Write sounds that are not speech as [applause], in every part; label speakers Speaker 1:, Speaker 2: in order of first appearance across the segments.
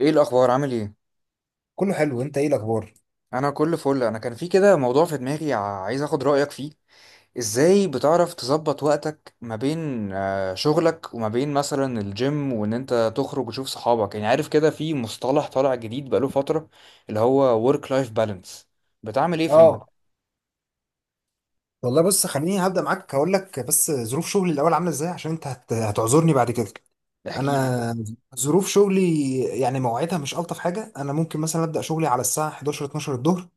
Speaker 1: ايه الاخبار؟ عامل ايه؟
Speaker 2: كله حلو، انت ايه الاخبار؟
Speaker 1: انا كل فل. انا كان في كده موضوع في دماغي، عايز اخد رايك فيه. ازاي بتعرف تظبط وقتك ما بين شغلك وما بين مثلا الجيم وان انت تخرج وتشوف صحابك؟ يعني عارف كده في مصطلح طالع جديد بقاله فتره، اللي هو work life balance. بتعمل ايه في
Speaker 2: اه والله، بص، خليني هبدا معاك هقول لك بس ظروف شغلي الاول عامله ازاي، عشان انت هتعذرني بعد كده.
Speaker 1: احكي لي.
Speaker 2: انا ظروف شغلي يعني مواعيدها مش الطف حاجه. انا ممكن مثلا ابدا شغلي على الساعه 11 12 الظهر.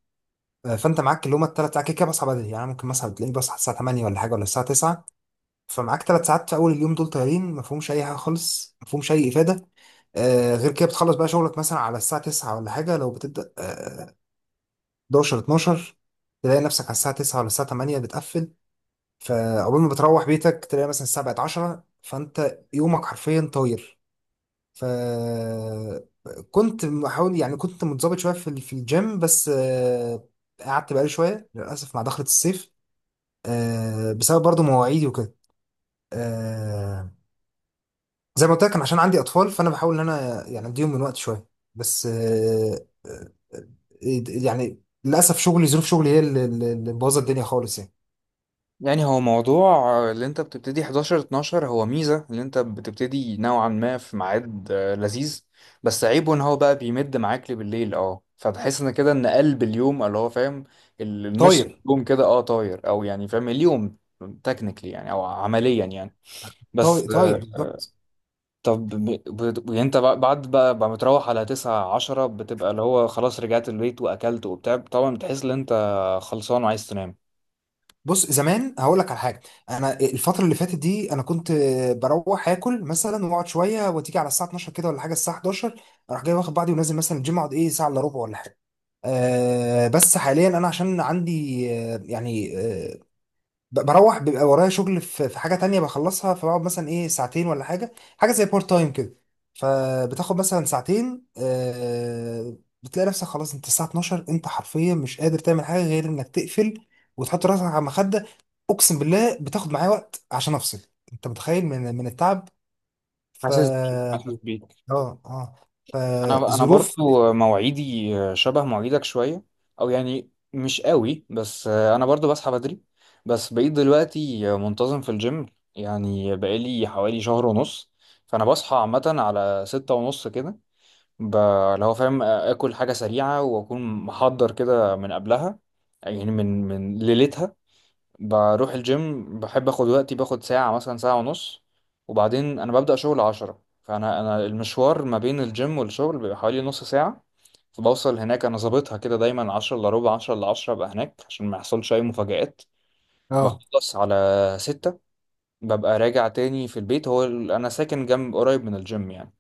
Speaker 2: فانت معاك اللي هم الثلاث ساعات كده كده بصحى بدري، يعني ممكن مثلا تلاقيني بصحى الساعه 8 ولا حاجه، ولا الساعه 9. فمعاك ثلاث ساعات في اول اليوم دول طايرين، ما فيهمش اي حاجه خالص، ما فيهمش اي افاده. غير كده بتخلص بقى شغلك مثلا على الساعة 9 ولا حاجة، لو بتبدأ 11 12 تلاقي نفسك على الساعة 9 ولا الساعة 8 بتقفل. فأول ما بتروح بيتك تلاقي مثلا الساعة بقت 10، فأنت يومك حرفيا طاير. ف كنت بحاول، يعني كنت متظبط شوية في الجيم، بس قعدت بقالي شوية للأسف مع دخلة الصيف، بسبب برضو مواعيدي وكده. آه، زي ما قلت لك كان عشان عندي أطفال، فأنا بحاول إن أنا يعني أديهم من وقت شوية. بس يعني للأسف شغلي، ظروف شغلي هي اللي مبوظة الدنيا خالص يعني.
Speaker 1: يعني هو موضوع اللي انت بتبتدي 11 12، هو ميزة اللي انت بتبتدي نوعا ما في ميعاد لذيذ، بس عيبه ان هو بقى بيمد معاك لبالليل، اه، فتحس ان كده ان قلب اليوم اللي هو فاهم، النص
Speaker 2: طاير
Speaker 1: يوم كده اه طاير، او يعني فاهم اليوم تكنيكلي يعني او عمليا يعني. بس
Speaker 2: طاير طاير بالظبط.
Speaker 1: طب يعني انت بعد بقى متروح على 9 10، بتبقى اللي هو خلاص رجعت البيت واكلت وبتاع، طبعا بتحس ان انت خلصان وعايز تنام.
Speaker 2: بص زمان هقول لك على حاجه. انا الفتره اللي فاتت دي انا كنت بروح اكل مثلا واقعد شويه وتيجي على الساعه 12 كده ولا حاجه، الساعه 11 اروح جاي واخد بعضي ونازل مثلا الجيم، اقعد ايه ساعه الا ربع ولا حاجه. أه، بس حاليا انا عشان عندي يعني بروح بيبقى ورايا شغل في حاجة تانية بخلصها، فبقعد مثلا ايه ساعتين ولا حاجة، حاجة زي بارت تايم كده. فبتاخد مثلا ساعتين، بتلاقي نفسك خلاص، انت الساعة 12 انت حرفيا مش قادر تعمل حاجة غير انك تقفل وتحط راسك على المخدة. اقسم بالله بتاخد معايا وقت عشان افصل. انت متخيل من التعب؟
Speaker 1: حاسس بيك،
Speaker 2: اه،
Speaker 1: حاسس بيك.
Speaker 2: اه،
Speaker 1: انا
Speaker 2: فظروف.
Speaker 1: برضو مواعيدي شبه مواعيدك شويه، او يعني مش قوي، بس انا برضو بصحى بدري، بس بقيت دلوقتي منتظم في الجيم، يعني بقالي حوالي شهر ونص. فانا بصحى عامه على 6:30 كده، ب- اللي هو فاهم اكل حاجه سريعه واكون محضر كده من قبلها، يعني من ليلتها. بروح الجيم، بحب اخد وقتي، باخد ساعة مثلا ساعة ونص، وبعدين انا ببدأ شغل 10. فانا المشوار ما بين الجيم والشغل بيبقى حوالي نص ساعة، فبوصل هناك، انا ظابطها كده دايما، عشرة الا ربع عشرة الا عشرة ابقى هناك عشان ما يحصلش اي مفاجآت.
Speaker 2: اه،
Speaker 1: بخلص على 6، ببقى راجع تاني في البيت، هو انا ساكن جنب قريب من الجيم يعني.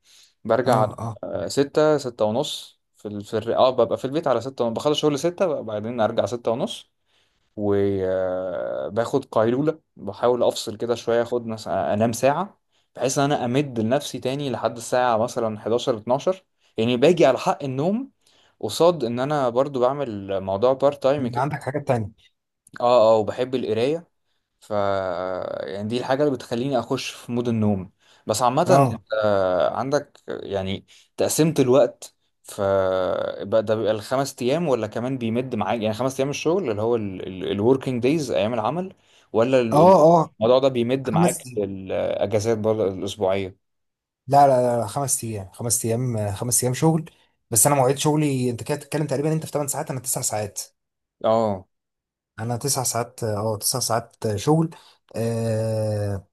Speaker 1: برجع
Speaker 2: اه، اه،
Speaker 1: على 6، 6:30 في في ببقى في البيت على 6، بخلص شغل 6 بعدين ارجع 6:30، وباخد قيلولة، بحاول أفصل كده شوية، أخد مثلا أنام ساعة، بحيث إن أنا أمد لنفسي تاني لحد الساعة مثلا 11 12، يعني باجي على حق النوم، قصاد إن أنا برضو بعمل موضوع بارت تايم
Speaker 2: بيبقى
Speaker 1: كده.
Speaker 2: عندك حاجات تانية.
Speaker 1: أه، أه، وبحب القراية. ف يعني دي الحاجة اللي بتخليني أخش في مود النوم. بس عامة أنت
Speaker 2: اه،
Speaker 1: عندك يعني تقسيمة الوقت. ف بقى ده بيبقى الخمس أيام ولا كمان بيمد معاك؟ يعني خمس أيام الشغل اللي هو الوركينج دايز، أيام العمل، ولا
Speaker 2: اه، اه،
Speaker 1: الموضوع ده بيمد
Speaker 2: خمس
Speaker 1: معاك الأجازات برضه الأسبوعية؟
Speaker 2: لا لا لا لا، خمس ايام خمس ايام خمس ايام شغل. بس انا مواعيد شغلي، انت كده بتتكلم تقريبا انت في 8 ساعات انا 9 ساعات.
Speaker 1: اه.
Speaker 2: انا 9 ساعات 9 ساعات شغل. آه،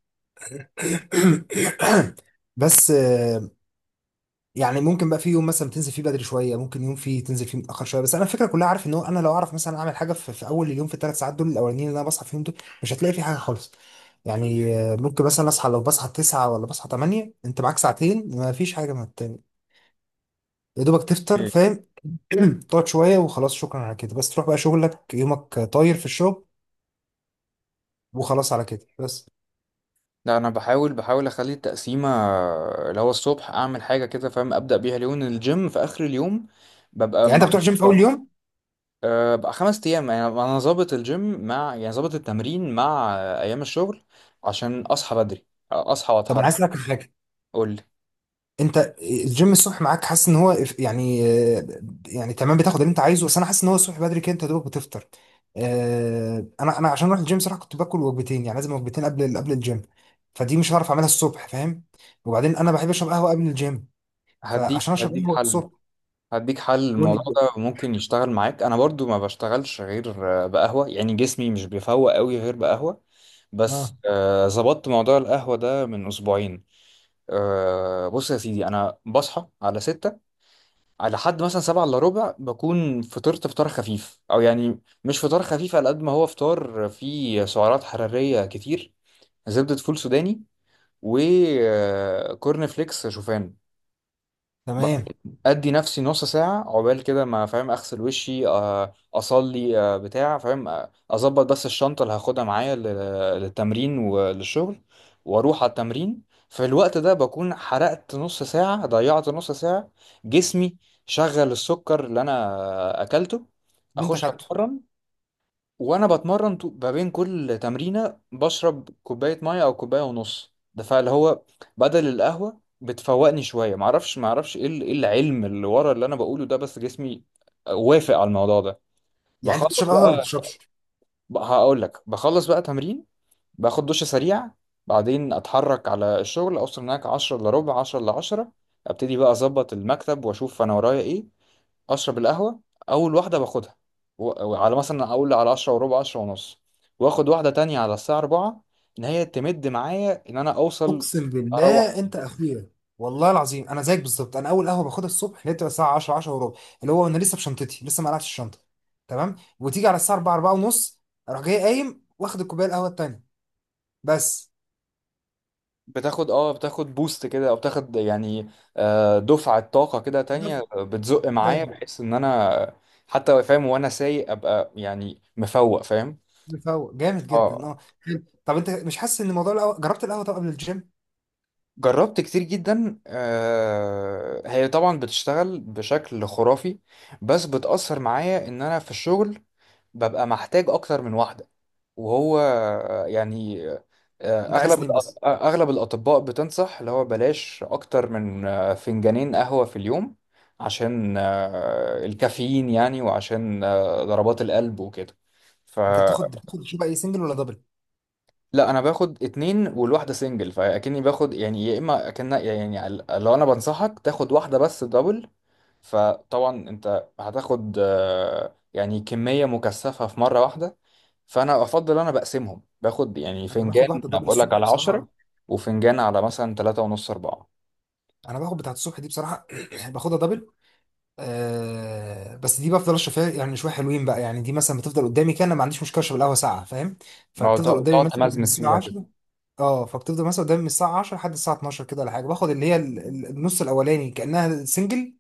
Speaker 2: [clears throat] [coughs] بس يعني ممكن بقى في يوم مثلا تنزل فيه بدري شويه، ممكن يوم فيه تنزل فيه متاخر شويه. بس انا الفكره كلها، عارف ان هو انا لو اعرف مثلا اعمل حاجه في اول اليوم، في الثلاث ساعات دول الاولانيين اللي انا بصحى فيهم دول، مش هتلاقي في حاجه خالص. يعني ممكن مثلا اصحى، لو بصحى 9 ولا بصحى 8، انت معاك ساعتين، ما فيش حاجه، ما يا دوبك تفطر،
Speaker 1: إيه.
Speaker 2: فاهم؟ [clears throat] تقعد شوية وخلاص، شكرا على كده، بس تروح بقى شغلك يومك طاير في الشغل. وخلاص على كده بس.
Speaker 1: لا، انا بحاول اخلي التقسيمه، اللي هو الصبح اعمل حاجه كده فاهم، ابدا بيها اليوم، الجيم في اخر اليوم ببقى
Speaker 2: يعني انت
Speaker 1: مع.
Speaker 2: بتروح جيم في اول يوم؟
Speaker 1: أه، بقى خمس أيام، يعني أنا ظابط الجيم مع يعني ظابط التمرين مع أيام الشغل، عشان أصحى بدري، أصحى
Speaker 2: طب انا عايز
Speaker 1: وأتحرك.
Speaker 2: اسالك على حاجة.
Speaker 1: قول لي.
Speaker 2: انت الجيم الصبح معاك، حاسس ان هو يعني آه، يعني تمام بتاخد اللي انت عايزه، بس انا حاسس ان هو الصبح بدري كده انت يا دوبك بتفطر. انا عشان اروح الجيم صراحة كنت باكل وجبتين، يعني لازم وجبتين قبل الجيم. فدي مش هعرف اعملها الصبح، فاهم؟ وبعدين انا بحب اشرب قهوة قبل الجيم.
Speaker 1: هديك
Speaker 2: فعشان اشرب
Speaker 1: هديك
Speaker 2: قهوة
Speaker 1: حل،
Speaker 2: الصبح.
Speaker 1: هديك حل.
Speaker 2: قول
Speaker 1: الموضوع
Speaker 2: لي.
Speaker 1: ده ممكن يشتغل معاك، أنا برضو ما بشتغلش غير بقهوة، يعني جسمي مش بيفوق قوي غير بقهوة،
Speaker 2: اه،
Speaker 1: بس ظبطت موضوع القهوة ده من أسبوعين. أه، بص يا سيدي، أنا بصحى على ستة، على حد مثلا 6:45 بكون فطرت فطار خفيف، او يعني مش فطار خفيف، على قد ما هو فطار فيه سعرات حرارية كتير، زبدة فول سوداني وكورن فليكس شوفان. بعد
Speaker 2: تمام.
Speaker 1: كده ادي نفسي نص ساعه عقبال كده ما فاهم اغسل وشي، اصلي، بتاع فاهم، اظبط بس الشنطه اللي هاخدها معايا للتمرين وللشغل، واروح على التمرين. في الوقت ده بكون حرقت نص ساعه، ضيعت نص ساعه، جسمي شغل السكر اللي انا اكلته.
Speaker 2: اللي انت
Speaker 1: اخش
Speaker 2: كاتبه.
Speaker 1: اتمرن، وانا بتمرن ما بين كل تمرينه بشرب كوبايه ميه او كوبايه ونص، ده فاللي هو بدل القهوه بتفوقني شويه. معرفش ايه إيه العلم اللي ورا اللي انا بقوله ده، بس جسمي وافق على الموضوع ده.
Speaker 2: يعني انت بتشرب
Speaker 1: بخلص
Speaker 2: قهوه ولا ما
Speaker 1: بقى
Speaker 2: بتشربش؟
Speaker 1: هقول لك، بخلص بقى تمرين، باخد دش سريع، بعدين اتحرك على الشغل، اوصل هناك 10 الا ربع 10 الا 10، ابتدي بقى اظبط المكتب واشوف انا ورايا ايه، اشرب القهوه، اول واحده باخدها وعلى مثلا اقول على 10 وربع 10 ونص، واخد واحده تانية على الساعه 4، ان هي تمد معايا ان انا اوصل
Speaker 2: اقسم
Speaker 1: اروح.
Speaker 2: بالله انت اخويا. والله العظيم انا زيك بالظبط. انا اول قهوه باخدها الصبح اللي هي بتبقى الساعه 10 10 وربع، اللي هو انا لسه بشنطتي، لسه ما قلعتش الشنطه. تمام. وتيجي على الساعه 4 4 ونص اروح جاي قايم واخد الكوبايه القهوه التانيه بس.
Speaker 1: بتاخد بوست كده، او بتاخد يعني دفعه طاقه كده
Speaker 2: ده
Speaker 1: تانية، بتزق معايا
Speaker 2: تاني.
Speaker 1: بحيث ان انا حتى فاهم، وانا سايق ابقى يعني مفوق فاهم.
Speaker 2: مفوق جامد جدا،
Speaker 1: اه،
Speaker 2: اه، حلو. طب انت مش حاسس ان موضوع القهوه، جربت القهوه طب قبل الجيم؟
Speaker 1: جربت كتير جدا، هي طبعا بتشتغل بشكل خرافي، بس بتأثر معايا ان انا في الشغل ببقى محتاج اكتر من واحدة، وهو يعني
Speaker 2: انت عايز
Speaker 1: اغلب
Speaker 2: تنام بس.
Speaker 1: اغلب الاطباء بتنصح اللي هو بلاش اكتر من فنجانين قهوة في اليوم، عشان الكافيين يعني، وعشان ضربات القلب وكده.
Speaker 2: انت بتاخد شو بقى، ايه، سنجل ولا دبل؟
Speaker 1: لا، انا باخد اتنين، والواحده سنجل، فاكني باخد يعني، يا اما اكن يعني لو انا بنصحك تاخد واحده بس دبل، فطبعا انت هتاخد يعني كميه مكثفه في مره واحده، فانا افضل انا بقسمهم، باخد يعني
Speaker 2: انا باخد
Speaker 1: فنجان
Speaker 2: واحده دبل
Speaker 1: بقول لك
Speaker 2: الصبح
Speaker 1: على
Speaker 2: بصراحه،
Speaker 1: 10،
Speaker 2: أه.
Speaker 1: وفنجان على مثلا 3:30، 4.
Speaker 2: انا باخد بتاعت الصبح دي بصراحه [clears throat] باخدها دبل. آه، بس دي بفضل اشرب فيها يعني شويه حلوين بقى. يعني دي مثلا بتفضل قدامي كده، انا ما عنديش مشكله اشرب القهوه ساعه، فاهم؟
Speaker 1: ما هو
Speaker 2: فبتفضل قدامي
Speaker 1: تقعد
Speaker 2: مثلا من
Speaker 1: تمزمز
Speaker 2: الساعه
Speaker 1: فيها كده.
Speaker 2: 10. اه، فبتفضل مثلا قدامي من الساعه 10 لحد الساعه 12 كده ولا حاجه. باخد اللي هي النص الاولاني كانها سنجل،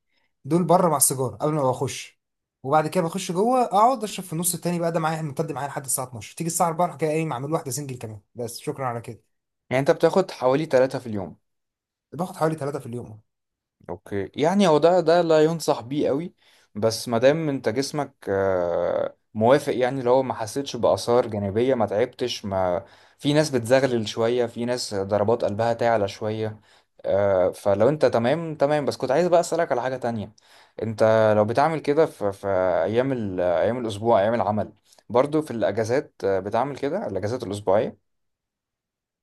Speaker 2: دول بره مع السيجاره قبل ما بخش. وبعد كده بخش جوه اقعد اشرب في النص التاني بقى ده معايا، ممتد معايا لحد الساعه 12. تيجي الساعه 4 اروح جاي قايم اعمل واحده سنجل كمان، بس شكرا على كده.
Speaker 1: يعني انت بتاخد حوالي تلاتة في اليوم.
Speaker 2: باخد حوالي ثلاثه في اليوم.
Speaker 1: اوكي، يعني هو ده لا ينصح بيه قوي، بس ما دام انت جسمك موافق، يعني اللي هو ما حسيتش بآثار جانبية، ما تعبتش، ما في ناس بتزغلل شوية، في ناس ضربات قلبها تعلى شوية، فلو انت تمام تمام. بس كنت عايز بقى أسألك على حاجة تانية. انت لو بتعمل كده في ايام ايام الاسبوع، ايام العمل، برضو في الاجازات بتعمل كده الاجازات الاسبوعية؟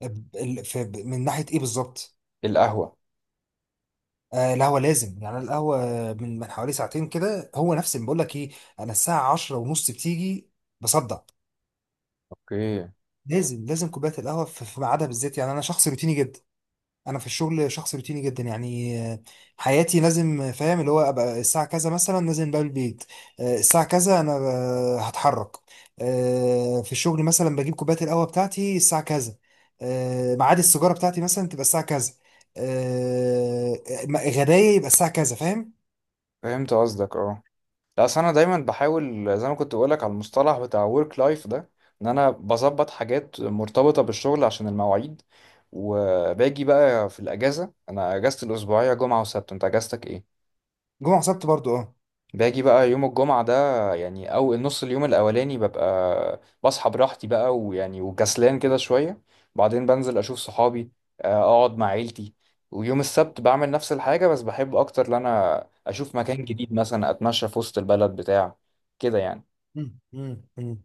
Speaker 2: من ناحيه ايه بالظبط؟
Speaker 1: القهوة؟
Speaker 2: آه، القهوة لازم يعني، أنا القهوة من حوالي ساعتين كده هو نفس اللي بقول لك ايه، انا الساعة 10 ونص بتيجي بصدع.
Speaker 1: اوكي،
Speaker 2: لازم لازم كوباية القهوة في ميعادها بالذات، يعني انا شخص روتيني جدا. انا في الشغل شخص روتيني جدا، يعني حياتي لازم فاهم اللي هو ابقى الساعة كذا مثلا نازل بقى البيت. الساعة كذا انا هتحرك. في الشغل مثلا بجيب كوباية القهوة بتاعتي الساعة كذا. ميعاد السيجارة بتاعتي مثلا تبقى الساعة كذا. آه، غدايا يبقى الساعة كذا، فاهم؟
Speaker 1: فهمت قصدك، اه. لا، أصل انا دايما بحاول، زي ما كنت بقولك على المصطلح بتاع ورك لايف ده، ان انا بظبط حاجات مرتبطه بالشغل عشان المواعيد. وباجي بقى في الاجازه، انا اجازتي الاسبوعيه جمعه وسبت، انت اجازتك ايه؟
Speaker 2: جمعة وسبت برضو، اه.
Speaker 1: باجي بقى يوم الجمعه ده، يعني او النص اليوم الاولاني، ببقى بصحى براحتي بقى، ويعني وكسلان كده شويه، بعدين بنزل اشوف صحابي، اقعد مع عيلتي. ويوم السبت بعمل نفس الحاجه، بس بحب اكتر ان انا اشوف مكان جديد، مثلا اتمشى في وسط البلد بتاع كده يعني.
Speaker 2: مم. مم. مم.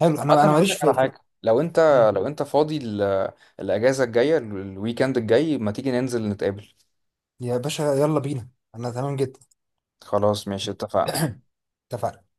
Speaker 2: حلو. انا
Speaker 1: عامة هقول
Speaker 2: ماليش
Speaker 1: لك
Speaker 2: في
Speaker 1: على حاجة، لو انت
Speaker 2: مم.
Speaker 1: لو انت فاضي الاجازة الجاية، الويكند الجاي، ما تيجي ننزل نتقابل؟
Speaker 2: يا باشا يلا بينا. انا تمام جدا.
Speaker 1: خلاص ماشي، اتفقنا.
Speaker 2: [coughs] [clears throat] اتفقنا.